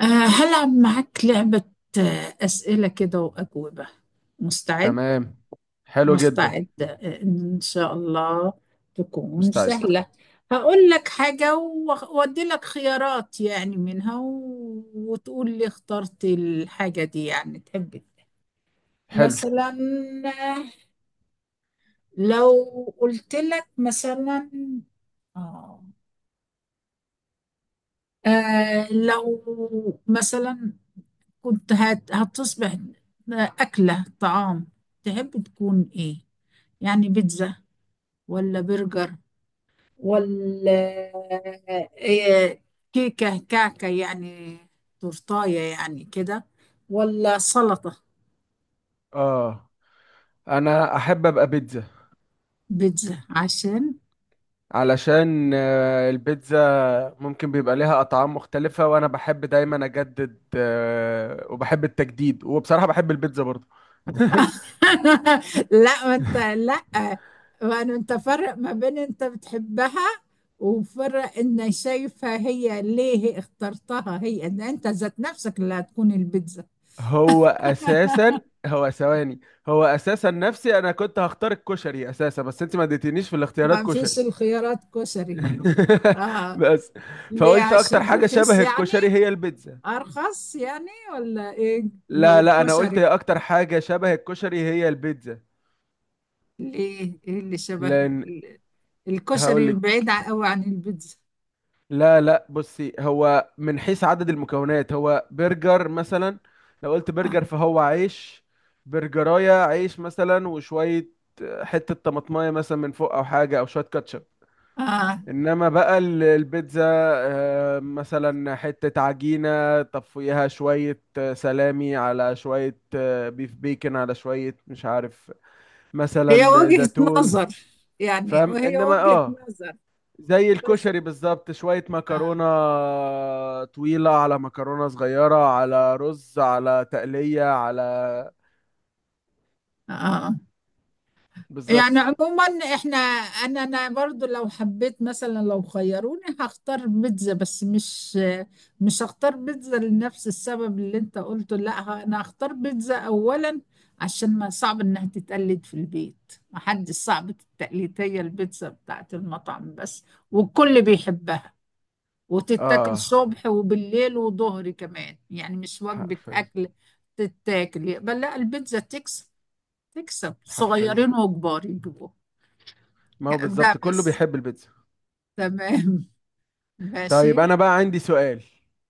هلعب معاك لعبة. أسئلة كده وأجوبة. مستعد؟ تمام. حلو جدا. مستعد، إن شاء الله تكون مستعد. سهلة. هقول لك حاجة وأدي لك خيارات يعني منها وتقول لي اخترت الحاجة دي، يعني تحب إيه. حلو. مثلا، آه، لو قلت لك مثلا، آه لو مثلا كنت هتصبح أكلة طعام، تحب تكون إيه؟ يعني بيتزا ولا برجر ولا إيه، كيكة كعكة يعني، تورتاية يعني كده، ولا سلطة؟ اه، انا احب ابقى بيتزا. بيتزا عشان. علشان البيتزا ممكن بيبقى ليها اطعام مختلفة، وانا بحب دايما اجدد، وبحب التجديد، وبصراحة بحب البيتزا برضو. لا ما انت لا، وأنا انت فرق ما بين انت بتحبها، وفرق ان شايفها، هي ليه هي اخترتها، هي ان انت ذات نفسك اللي هتكون البيتزا. هو اساسا هو ثواني هو اساسا نفسي، انا كنت هختار الكشري اساسا، بس انت ما اديتنيش في الاختيارات ما كشري. فيش الخيارات كشري. اه. بس ليه، فقلت اكتر عشان حاجة رخيص شبه يعني؟ الكشري هي البيتزا. ارخص يعني ولا ايه؟ لا لو لا، انا قلت كشري، اكتر حاجه شبه الكشري هي البيتزا. ليه، ايه اللي شبه؟ لان ال- هقول الكشري لك. بعيد قوي عن البيتزا. لا لا، بصي، هو من حيث عدد المكونات هو برجر مثلا. لو قلت آه. برجر فهو عيش. برجرايه عيش مثلا وشويه، حته طماطمايه مثلا من فوق، او حاجه، او شويه كاتشب. آه. انما بقى البيتزا مثلا حته عجينه، طب فوقيها شويه سلامي، على شويه بيف بيكن، على شويه مش عارف، هي مثلا وجهة زيتون. نظر يعني، فاهم؟ وهي انما وجهة نظر زي بس. الكشري بالظبط، شوية آه. مكرونة طويلة على مكرونة صغيرة على رز على تقلية، على آه. يعني بالظبط. عموما احنا، انا برضو لو حبيت مثلا، لو خيروني هختار بيتزا، بس مش هختار بيتزا لنفس السبب اللي انت قلته. لا، انا هختار بيتزا اولا، عشان ما صعب انها تتقلد في البيت، ما حد صعب التقليد، هي البيتزا بتاعت المطعم بس، والكل بيحبها، وتتاكل اه، صبح وبالليل وظهر كمان، يعني مش وجبة حرفيا. اكل. تتاكل بل لا، البيتزا تكسب، تكسب حرفيا، صغيرين وكبار يجيبوها. ما هو ده بالظبط كله بس. بيحب البيتزا. تمام. طيب ماشي. انا بقى عندي سؤال.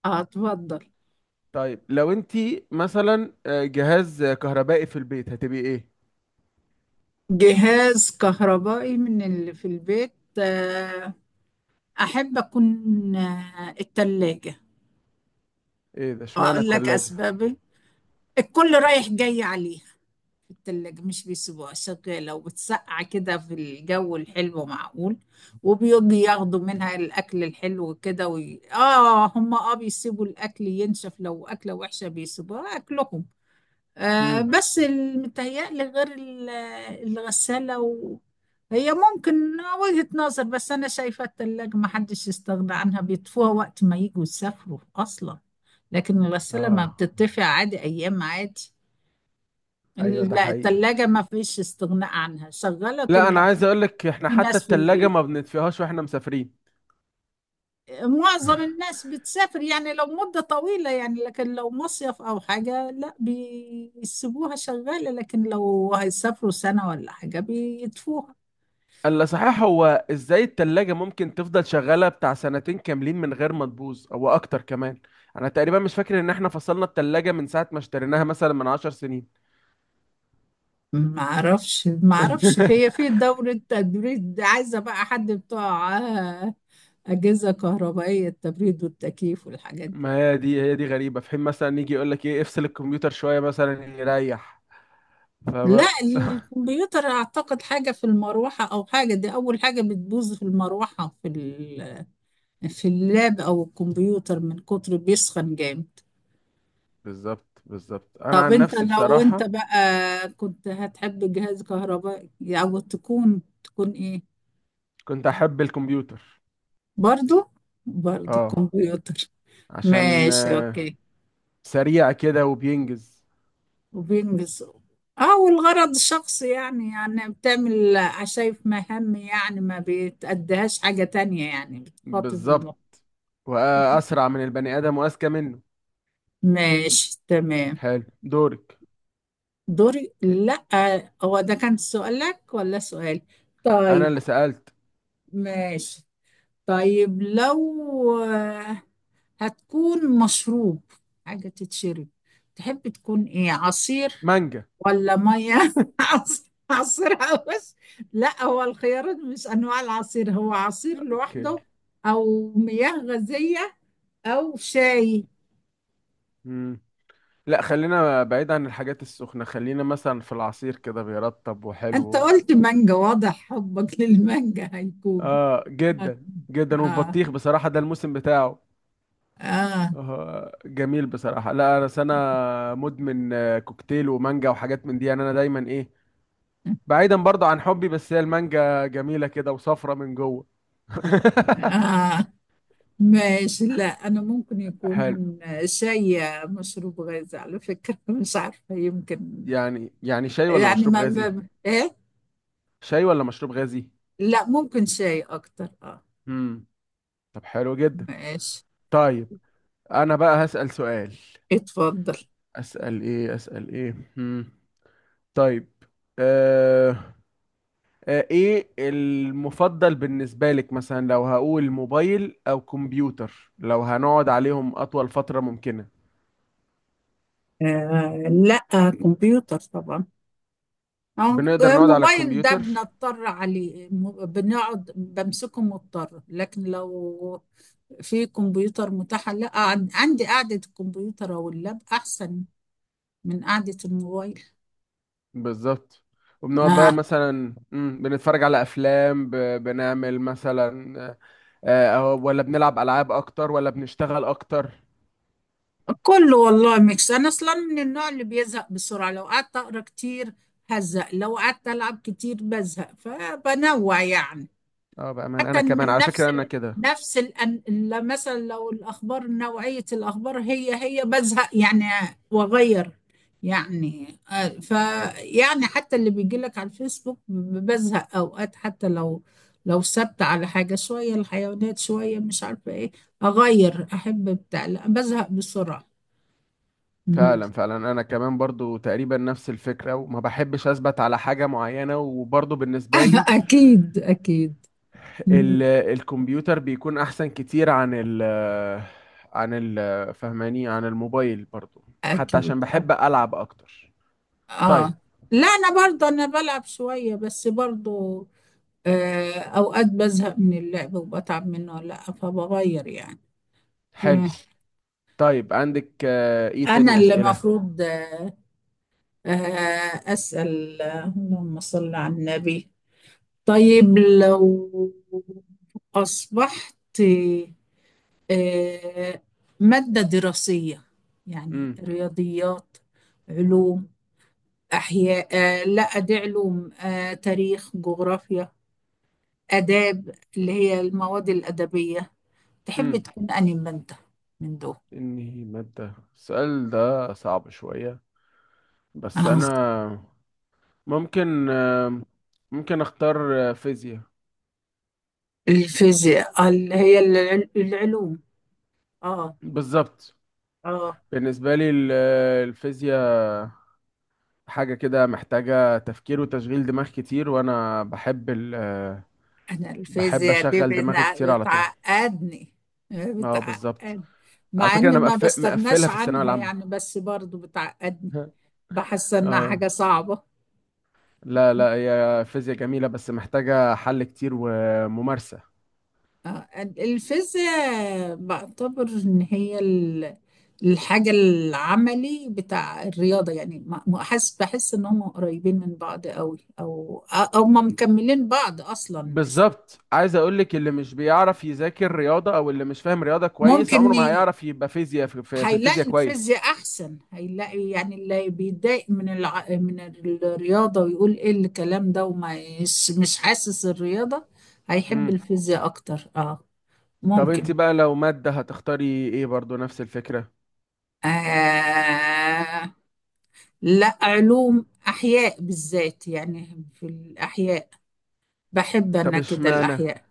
اتفضل. طيب لو انت مثلا جهاز كهربائي في البيت، هتبقي ايه؟ جهاز كهربائي من اللي في البيت، آه، أحب أكون التلاجة. ايه ده؟ اشمعنى أقول لك التلاجة؟ أسبابي. الكل رايح جاي عليها، التلاجة مش بيسيبوها شغالة، وبتسقع كده في الجو الحلو، معقول. وبيجي ياخدوا منها الأكل الحلو كده، هم، بيسيبوا الأكل ينشف، لو أكلة وحشة بيسيبوها أكلهم. امم. بس. متهيألي غير الغسالة هي ممكن وجهة نظر، بس أنا شايفة التلاجة ما حدش يستغنى عنها، بيطفوها وقت ما يجوا يسافروا أصلا. لكن الغسالة ما اه، بتطفي عادي، أيام عادي. ايوه ده لا حقيقي. التلاجة ما فيش استغناء عنها، شغالة لا، طول انا ما عايز اقولك احنا في حتى ناس في التلاجة البيت. ما بنطفيهاش واحنا مسافرين. معظم الناس بتسافر يعني لو مدة طويلة يعني، لكن لو مصيف أو حاجة لا بيسيبوها شغالة، لكن لو هيسافروا سنة ولا حاجة بيطفوها. الا صحيح، هو ازاي التلاجة ممكن تفضل شغالة بتاع سنتين كاملين من غير ما تبوظ، او اكتر كمان؟ انا تقريبا مش فاكر ان احنا فصلنا التلاجة من ساعة ما اشتريناها، مثلا من 10 سنين. ما اعرفش ما اعرفش، هي في دورة تبريد، عايزة بقى حد بتوع أجهزة كهربائية، التبريد والتكييف والحاجات دي. ما هي دي، غريبة. في حين مثلا يجي يقول لك ايه، افصل الكمبيوتر شوية مثلا يريح. لا فبقى الكمبيوتر أعتقد حاجة في المروحة، أو حاجة، دي أول حاجة بتبوظ في المروحة، في اللاب أو الكمبيوتر من كتر بيسخن جامد. بالظبط، بالظبط. انا طب عن انت نفسي لو انت بصراحة بقى كنت هتحب جهاز كهربائي، او تكون ايه؟ كنت احب الكمبيوتر. برضو. اه. كمبيوتر. عشان ماشي اوكي. سريع كده وبينجز. وبينجز. اه. والغرض الشخصي يعني بتعمل، شايف مهام، يعني ما بتأديهاش حاجة تانية، يعني بتخاطب المخ. بالظبط، واسرع من البني ادم واذكى منه. ماشي تمام. حلو، دورك. دوري، لا هو ده كان سؤالك ولا سؤال؟ انا طيب. اللي سألت. ماشي. طيب لو آه، هتكون مشروب، حاجة تتشرب، تحب تكون ايه؟ عصير مانجا. ولا مية. عصير بس. لا هو الخيارات مش انواع العصير، هو عصير اوكي. لوحده، او مياه غازية، او شاي. مم. لا، خلينا بعيد عن الحاجات السخنة، خلينا مثلا في العصير، كده بيرطب انت وحلو. قلت مانجا، واضح حبك للمانجا هيكون. اه، هت- جدا جدا. اه. والبطيخ بصراحة ده الموسم بتاعه. اه. آه جميل بصراحة. لا انا سنة مدمن كوكتيل ومانجا وحاجات من دي، يعني انا دايما ايه. بعيدا برضه عن حبي، بس هي المانجا جميلة كده وصفرة من جوه. اه. ماشي. لا انا ممكن حلو. يكون شاي، مشروب غازي على فكرة. مش عارفة، يمكن يعني شاي ولا يعني مشروب غازي؟ ايه. شاي ولا مشروب غازي؟ لا ممكن شاي اكتر. اه. امم طب حلو جدا. ماشي. طيب انا بقى هسأل سؤال. اتفضل. اسأل ايه، اسأل ايه؟ طيب. آه... ايه المفضل بالنسبة لك، مثلا لو هقول موبايل او كمبيوتر، لو هنقعد عليهم اطول فترة ممكنة؟ لا، كمبيوتر طبعا. آه، بنقدر نقعد على موبايل ده الكمبيوتر. بنضطر عليه، بنقعد بمسكه مضطر، لكن لو في كمبيوتر متاح لا، عندي قعدة الكمبيوتر او اللاب احسن من قعدة الموبايل. بالظبط. وبنقعد بقى آه مثلا، بنتفرج على افلام، بنعمل مثلا ولا بنلعب العاب اكتر، ولا بنشتغل اكتر؟ كله والله ميكس. انا اصلا من النوع اللي بيزهق بسرعه، لو قعدت اقرا كتير هزهق، لو قعدت العب كتير بزهق، فبنوع يعني. اه بأمان، انا حتى كمان من على فكرة انا كده. لا مثلا، لو الاخبار نوعيه الاخبار هي بزهق يعني، واغير. يعني ف يعني، حتى اللي بيجي لك على الفيسبوك بزهق اوقات، حتى لو ثابته على حاجه شويه الحيوانات شويه مش عارفه ايه، اغير، احب بتاع، لا بزهق بسرعه. فعلا فعلا، انا كمان برضو تقريبا نفس الفكره، وما بحبش اثبت على حاجه معينه، وبرضو بالنسبه لي اكيد اكيد. مم. الكمبيوتر بيكون احسن كتير عن ال عن ال فهماني، عن الموبايل برضو، حتى اكيد. عشان بحب العب اكتر. طيب، اه. لا انا برضه، انا بلعب شويه بس برضه اوقات بزهق من اللعب وبتعب منه، لا فبغير يعني. مم. حلو. طيب عندك ايه انا تاني اللي اسئله؟ مفروض اسال، اللهم صل على النبي. طيب لو اصبحت آه ماده دراسيه، يعني امم رياضيات، علوم، أحياء، لا دي علوم، تاريخ، جغرافيا، آداب اللي هي المواد الأدبية، تحب امم تكون أنهي أنت من دول؟ انهي ماده؟ السؤال ده صعب شويه، بس آه. انا ممكن آه، ممكن اختار فيزياء. الفيزياء، اللي هي العلوم. آه بالظبط. آه بالنسبة لي الفيزياء حاجة كده محتاجة تفكير وتشغيل دماغ كتير، وأنا أنا بحب الفيزياء دي أشغل دماغي كتير على طول. بتعقدني. اه بالظبط. بتعقد. على مع فكرة إني أنا ما بستغناش مقفلها في الثانوية عنها يعني، العامة. بس برضو بتعقدني، بحس إنها اه. حاجة صعبة. لا لا، هي فيزياء جميلة بس محتاجة حل كتير وممارسة. الفيزياء بعتبر ان هي الحاجة العملي بتاع الرياضة، يعني بحس ان هم قريبين من بعض قوي، او ما مكملين بعض اصلا مش. بالظبط، عايز أقولك اللي مش بيعرف يذاكر رياضة أو اللي مش فاهم رياضة كويس ممكن عمره ما هيعرف يبقى فيزياء في الفيزياء هيلاقي كويس. الفيزياء احسن. هيلاقي يعني اللي بيتضايق من الرياضة، ويقول ايه الكلام ده، وما مش حاسس الرياضة، هيحب مم. الفيزياء اكتر. اه. طب انت ممكن. بقى لو مادة هتختاري ايه؟ برضو نفس الفكرة. آه لا علوم، احياء بالذات، يعني في الاحياء بحب طب انا كده اشمعنى، الاحياء.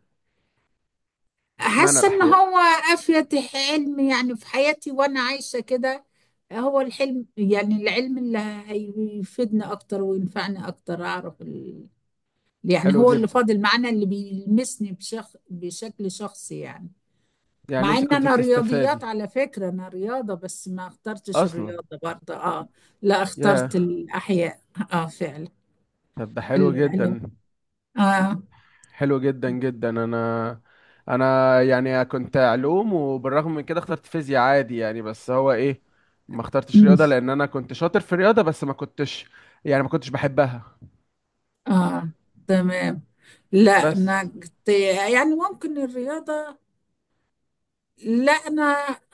حاسه ان الأحياء؟ هو افيد حلم يعني في حياتي وانا عايشه كده. هو الحلم يعني العلم اللي هيفيدني اكتر وينفعني اكتر، اعرف يعني حلو هو اللي جدا. فاضل معانا، اللي بيلمسني بشكل شخصي يعني. يعني مع انت ان كنت انا بتستفادي؟ رياضيات على فكره، انا رياضه، بس ما اخترتش أصلا. الرياضه برضه. اه. لا ياه. اخترت الاحياء. اه فعلا. طب ده حلو العلوم. جدا. اه. حلو جدا جدا. انا يعني كنت علوم، وبالرغم من كده اخترت فيزياء عادي يعني. بس هو ايه، ما اخترتش امم. رياضة لان انا كنت شاطر في الرياضة، بس ما كنتش، يعني ما كنتش بحبها. اه. تمام. لا بس. انا كنت يعني ممكن الرياضة. لا انا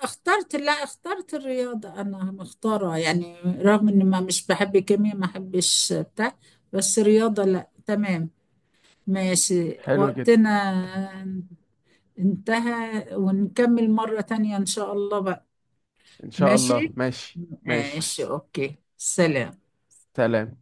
اخترت، لا اخترت الرياضة، انا مختارة يعني، رغم اني ما مش بحب كيمياء، ما بحبش بتاع، بس رياضة، لا تمام. ماشي، حلو جدا. وقتنا انتهى، ونكمل مرة تانية ان شاء الله بقى. ان شاء الله، ماشي ماشي ماشي. ماشي. اوكي. سلام. سلام.